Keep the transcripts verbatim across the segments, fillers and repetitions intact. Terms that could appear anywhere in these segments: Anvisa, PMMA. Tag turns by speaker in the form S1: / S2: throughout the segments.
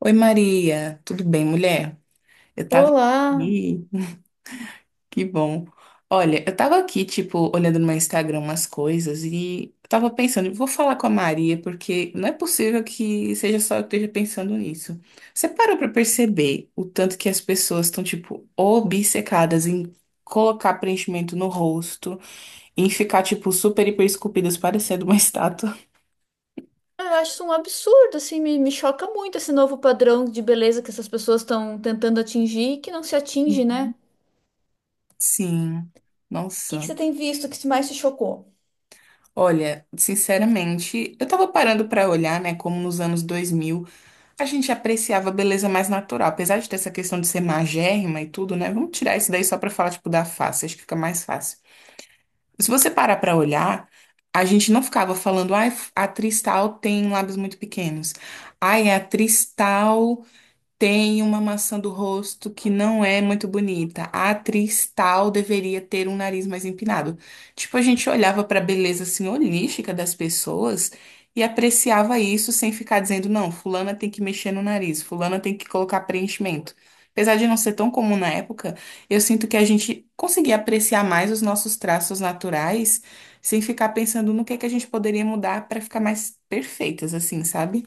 S1: Oi, Maria, tudo bem, mulher? Eu tava
S2: Olá!
S1: aqui. Que bom. Olha, eu tava aqui, tipo, olhando no meu Instagram umas coisas e eu tava pensando, vou falar com a Maria, porque não é possível que seja só eu que esteja pensando nisso. Você parou pra perceber o tanto que as pessoas estão, tipo, obcecadas em colocar preenchimento no rosto, em ficar, tipo, super hiper esculpidas, parecendo uma estátua?
S2: Ah, Eu acho isso um absurdo, assim, me, me choca muito esse novo padrão de beleza que essas pessoas estão tentando atingir e que não se atinge, né?
S1: Sim,
S2: O que que
S1: nossa.
S2: você tem visto que mais te chocou?
S1: Olha, sinceramente, eu tava parando pra olhar, né, como nos anos dois mil a gente apreciava a beleza mais natural, apesar de ter essa questão de ser magérrima e tudo, né? Vamos tirar isso daí só pra falar tipo da face, acho que fica mais fácil. Se você parar pra olhar, a gente não ficava falando, ai, a atriz tal tem lábios muito pequenos. Ai, a atriz tal tem uma maçã do rosto que não é muito bonita. A atriz tal deveria ter um nariz mais empinado. Tipo, a gente olhava para a beleza senhorífica das pessoas e apreciava isso sem ficar dizendo, não, fulana tem que mexer no nariz, fulana tem que colocar preenchimento. Apesar de não ser tão comum na época, eu sinto que a gente conseguia apreciar mais os nossos traços naturais sem ficar pensando no que é que a gente poderia mudar para ficar mais perfeitas, assim, sabe?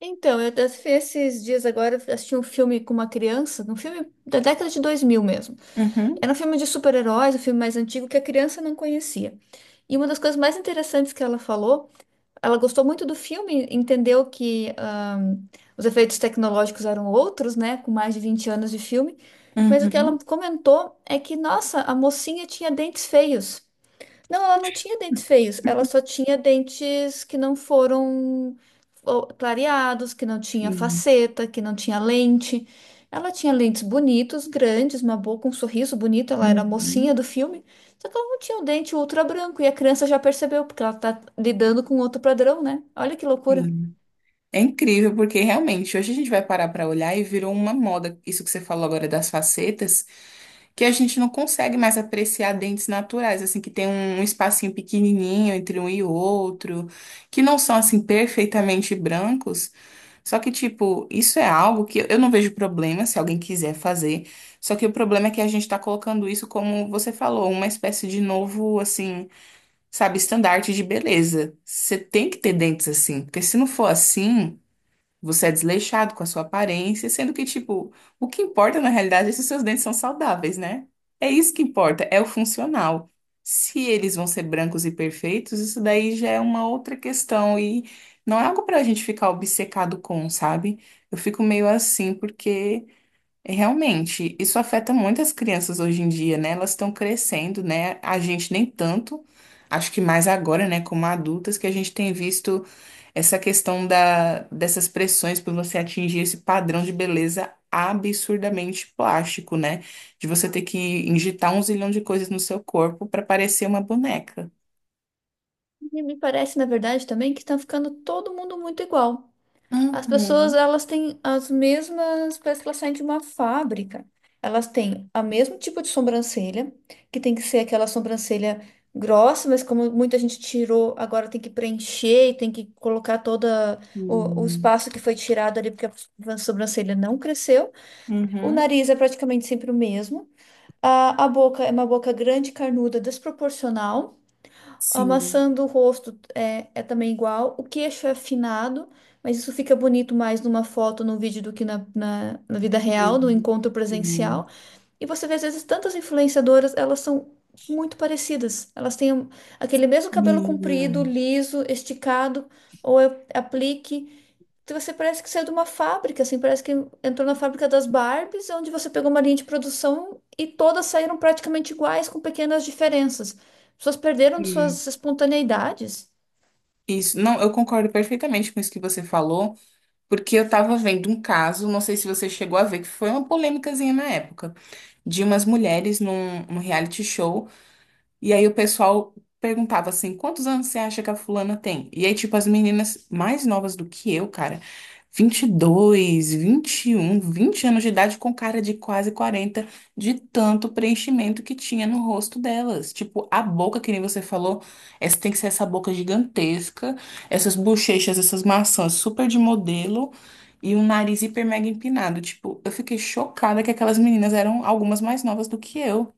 S2: Então, eu até fui esses dias agora assisti um filme com uma criança, um filme da década de dois mil mesmo.
S1: Uhum,
S2: Era um filme de super-heróis, um filme mais antigo que a criança não conhecia. E uma das coisas mais interessantes que ela falou. Ela gostou muito do filme, entendeu que ahn, os efeitos tecnológicos eram outros, né? Com mais de vinte anos de filme. Mas o que ela
S1: uhum.
S2: comentou é que, nossa, a mocinha tinha dentes feios. Não, ela não tinha dentes feios, ela só tinha dentes que não foram, ó, clareados, que não tinha faceta, que não tinha lente. Ela tinha lentes bonitos, grandes, uma boca, um sorriso bonito, ela era a mocinha
S1: Uhum,
S2: do filme, só que ela não tinha um dente ultra branco e a criança já percebeu, porque ela tá lidando com outro padrão, né? Olha que loucura.
S1: sim. É incrível, porque realmente hoje a gente vai parar para olhar e virou uma moda, isso que você falou agora das facetas, que a gente não consegue mais apreciar dentes naturais, assim, que tem um espacinho pequenininho entre um e outro, que não são, assim, perfeitamente brancos. Só que, tipo, isso é algo que eu não vejo problema se alguém quiser fazer. Só que o problema é que a gente tá colocando isso, como você falou, uma espécie de novo, assim. Sabe, estandarte de beleza. Você tem que ter dentes assim, porque se não for assim, você é desleixado com a sua aparência, sendo que, tipo, o que importa na realidade é se os seus dentes são saudáveis, né? É isso que importa, é o funcional. Se eles vão ser brancos e perfeitos, isso daí já é uma outra questão e não é algo pra gente ficar obcecado com, sabe? Eu fico meio assim porque é, realmente, isso afeta muitas crianças hoje em dia, né? Elas estão crescendo, né? A gente nem tanto, acho que mais agora, né, como adultas, que a gente tem visto essa questão da, dessas pressões por você atingir esse padrão de beleza absurdamente plástico, né? De você ter que injetar um zilhão de coisas no seu corpo para parecer uma boneca.
S2: E me parece, na verdade, também que tá ficando todo mundo muito igual. As pessoas,
S1: Uhum.
S2: elas têm as mesmas, parece que elas saem de uma fábrica. Elas têm o mesmo tipo de sobrancelha, que tem que ser aquela sobrancelha grossa, mas como muita gente tirou, agora tem que preencher e tem que colocar todo o, o
S1: Uhum.
S2: espaço que foi tirado ali, porque a sobrancelha não cresceu. O
S1: Uhum.
S2: nariz é praticamente sempre o mesmo. A, a boca é uma boca grande, carnuda, desproporcional. A
S1: Sim.
S2: maçã do rosto é, é também igual. O queixo é afinado, mas isso fica bonito mais numa foto, num vídeo do que na, na, na vida real, no
S1: Sim.
S2: encontro
S1: Sim.
S2: presencial. E você vê, às vezes, tantas influenciadoras, elas são muito parecidas. Elas têm um- aquele mesmo cabelo comprido,
S1: Sim.
S2: liso, esticado, ou é aplique. Então, você parece que saiu de uma fábrica, assim, parece que entrou na fábrica das Barbies, onde você pegou uma linha de produção e todas saíram praticamente iguais, com pequenas diferenças. As pessoas perderam
S1: Sim.
S2: suas espontaneidades
S1: Isso, não, eu concordo perfeitamente com isso que você falou, porque eu tava vendo um caso, não sei se você chegou a ver, que foi uma polêmicazinha na época, de umas mulheres num, num reality show. E aí o pessoal perguntava assim: quantos anos você acha que a fulana tem? E aí, tipo, as meninas mais novas do que eu, cara, vinte e dois, um vinte anos de idade, com cara de quase quarenta de tanto preenchimento que tinha no rosto delas. Tipo, a boca, que nem você falou, essa tem que ser essa boca gigantesca, essas bochechas, essas maçãs super de modelo. E um nariz hiper mega empinado. Tipo, eu fiquei chocada que aquelas meninas eram algumas mais novas do que eu,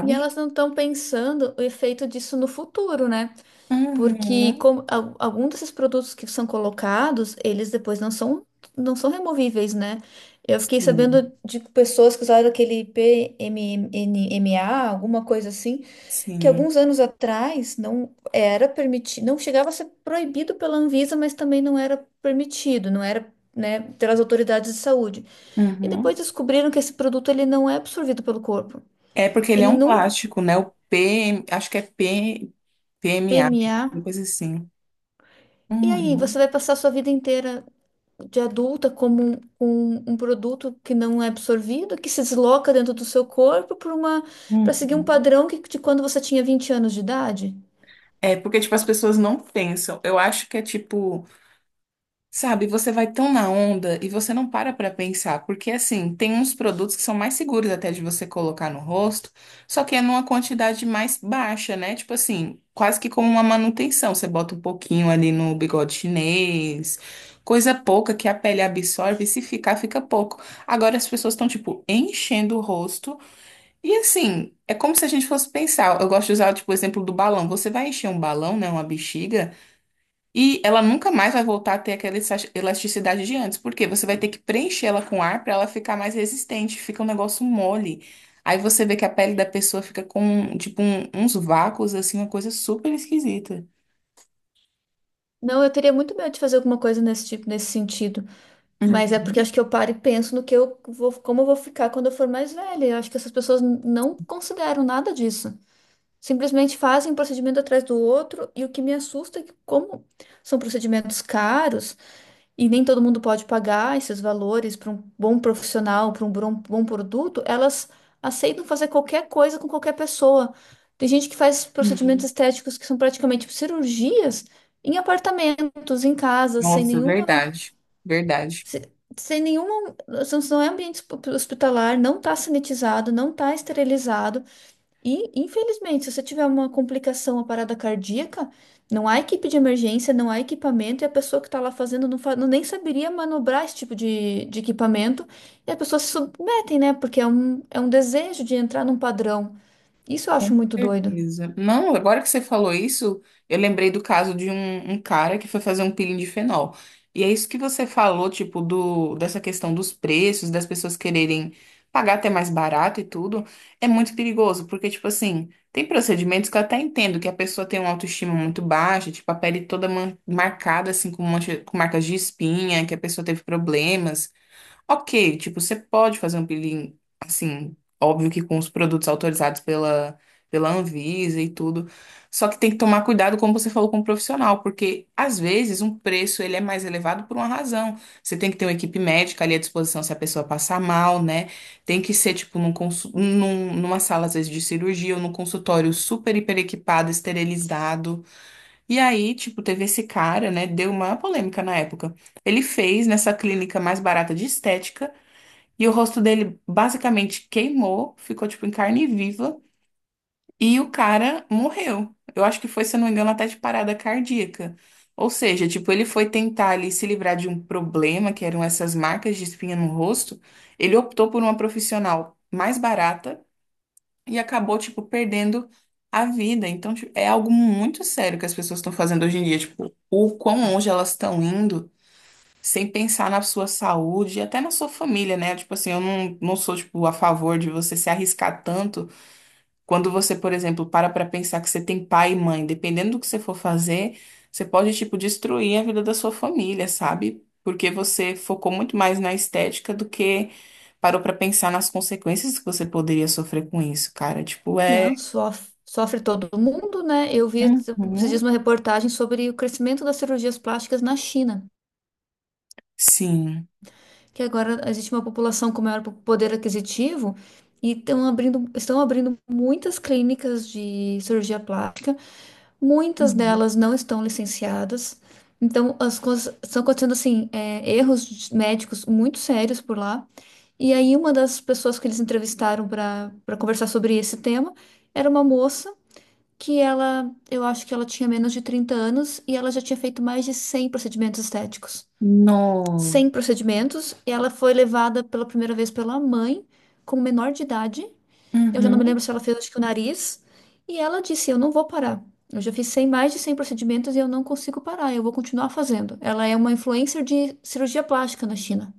S2: e elas não estão pensando o efeito disso no futuro, né? Porque
S1: Uhum.
S2: como, al- algum desses produtos que são colocados, eles depois não são, não são removíveis, né? Eu fiquei
S1: Sim,
S2: sabendo de pessoas que usaram aquele P M M A, alguma coisa assim, que
S1: sim.
S2: alguns anos atrás não era permitido, não chegava a ser proibido pela Anvisa, mas também não era permitido, não era, né, pelas autoridades de saúde. E depois
S1: Uhum.
S2: descobriram que esse produto ele não é absorvido pelo corpo.
S1: É porque ele é
S2: Ele
S1: um
S2: não,
S1: plástico, né? O P, acho que é P, PMA, a uma
S2: P M A.
S1: coisa assim.
S2: E aí, você
S1: Uhum.
S2: vai passar a sua vida inteira de adulta como um, um, um produto que não é absorvido, que se desloca dentro do seu corpo para uma, para seguir
S1: Uhum.
S2: um padrão que, de quando você tinha vinte anos de idade?
S1: É porque, tipo, as pessoas não pensam. Eu acho que é tipo. Sabe, você vai tão na onda e você não para pra pensar, porque assim, tem uns produtos que são mais seguros até de você colocar no rosto, só que é numa quantidade mais baixa, né? Tipo assim, quase que como uma manutenção. Você bota um pouquinho ali no bigode chinês, coisa pouca que a pele absorve, e se ficar, fica pouco. Agora as pessoas estão, tipo, enchendo o rosto e assim, é como se a gente fosse pensar. Eu gosto de usar, tipo, o exemplo do balão. Você vai encher um balão, né? Uma bexiga. E ela nunca mais vai voltar a ter aquela elas- elasticidade de antes, porque você vai ter que preencher ela com ar para ela ficar mais resistente, fica um negócio mole. Aí você vê que a pele da pessoa fica com, tipo, um- uns vácuos, assim, uma coisa super esquisita.
S2: Não, eu teria muito medo de fazer alguma coisa nesse tipo, nesse sentido. Mas é porque eu
S1: Uhum.
S2: acho que eu paro e penso no que eu vou, como eu vou ficar quando eu for mais velha. Eu acho que essas pessoas n- não consideram nada disso. Simplesmente fazem um procedimento atrás do outro, e o que me assusta é que, como são procedimentos caros e nem todo mundo pode pagar esses valores para um bom profissional, para um bom, bom produto, elas aceitam fazer qualquer coisa com qualquer pessoa. Tem gente que faz procedimentos
S1: Uhum.
S2: estéticos que são praticamente cirurgias em apartamentos, em casas, sem
S1: Nossa,
S2: nenhuma,
S1: verdade, verdade.
S2: se- sem nenhuma. Não não é ambiente hosp- hospitalar, não está sanitizado, não está esterilizado. E, infelizmente, se você tiver uma complicação, uma parada cardíaca, não há equipe de emergência, não há equipamento, e a pessoa que está lá fazendo não, fa- não nem saberia manobrar esse tipo de, de equipamento, e as pessoas se submetem, né? Porque é um, é um desejo de entrar num padrão. Isso eu acho
S1: Com
S2: muito doido.
S1: certeza. Não, agora que você falou isso, eu lembrei do caso de um, um cara que foi fazer um peeling de fenol. E é isso que você falou, tipo, do, dessa questão dos preços, das pessoas quererem pagar até mais barato e tudo, é muito perigoso, porque, tipo assim, tem procedimentos que eu até entendo que a pessoa tem uma autoestima muito baixa, tipo, a pele toda man- marcada, assim, com, mancha- com marcas de espinha, que a pessoa teve problemas. Ok, tipo, você pode fazer um peeling, assim, óbvio que com os produtos autorizados pela, pela Anvisa e tudo. Só que tem que tomar cuidado, como você falou, com o profissional, porque às vezes um preço ele é mais elevado por uma razão. Você tem que ter uma equipe médica ali à disposição se a pessoa passar mal, né? Tem que ser, tipo, num, consu- num- numa sala, às vezes, de cirurgia ou num consultório super, hiper equipado, esterilizado. E aí, tipo, teve esse cara, né? Deu uma polêmica na época. Ele fez nessa clínica mais barata de estética. E o rosto dele basicamente queimou, ficou tipo em carne viva, e o cara morreu. Eu acho que foi, se eu não me engano, até de parada cardíaca. Ou seja, tipo, ele foi tentar ali se livrar de um problema, que eram essas marcas de espinha no rosto. Ele optou por uma profissional mais barata e acabou, tipo, perdendo a vida. Então, tipo, é algo muito sério que as pessoas estão fazendo hoje em dia, tipo, o quão longe elas estão indo sem pensar na sua saúde e até na sua família, né? Tipo assim, eu não, não sou, tipo, a favor de você se arriscar tanto quando você, por exemplo, para pra pensar que você tem pai e mãe. Dependendo do que você for fazer, você pode, tipo, destruir a vida da sua família, sabe? Porque você focou muito mais na estética do que parou pra pensar nas consequências que você poderia sofrer com isso, cara. Tipo,
S2: Não,
S1: é.
S2: sofre. Sofre todo mundo, né? Eu vi esses dias
S1: Uhum.
S2: uma reportagem sobre o crescimento das cirurgias plásticas na China,
S1: Sim.
S2: que agora existe uma população com maior poder aquisitivo e estão abrindo, estão abrindo muitas clínicas de cirurgia plástica, muitas
S1: Uhum.
S2: delas não estão licenciadas. Então, as coisas estão acontecendo assim, é, erros médicos muito sérios por lá. E aí, uma das pessoas que eles entrevistaram para para conversar sobre esse tema era uma moça que ela, eu acho que ela tinha menos de trinta anos e ela já tinha feito mais de cem procedimentos estéticos
S1: No.
S2: sem procedimentos, e ela foi levada pela primeira vez pela mãe, como menor de idade. Eu já não me lembro
S1: Uhum.
S2: se ela fez, acho que o nariz. E ela disse: Eu não vou parar. Eu já fiz cem, mais de cem procedimentos e eu não consigo parar, eu vou continuar fazendo. Ela é uma influencer de cirurgia plástica na China.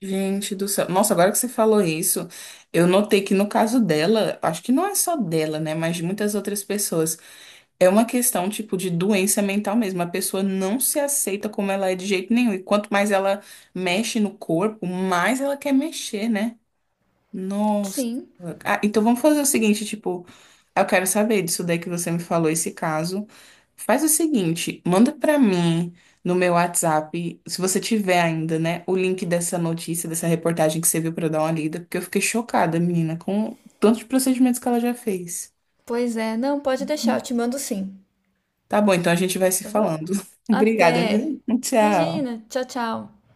S1: Gente do céu. Nossa, agora que você falou isso, eu notei que no caso dela, acho que não é só dela, né, mas de muitas outras pessoas, é uma questão tipo de doença mental mesmo. A pessoa não se aceita como ela é de jeito nenhum. E quanto mais ela mexe no corpo, mais ela quer mexer, né? Nossa.
S2: Sim,
S1: Ah, então vamos fazer o seguinte, tipo, eu quero saber disso daí que você me falou, esse caso. Faz o seguinte, manda pra mim no meu WhatsApp, se você tiver ainda, né, o link dessa notícia, dessa reportagem que você viu pra eu dar uma lida, porque eu fiquei chocada, menina, com tantos procedimentos que ela já fez.
S2: pois é. Não, pode deixar, eu te mando sim.
S1: Tá bom, então a gente vai se
S2: Tá bom?
S1: falando. Obrigada,
S2: Até.
S1: viu? Tchau.
S2: Imagina. Tchau, tchau.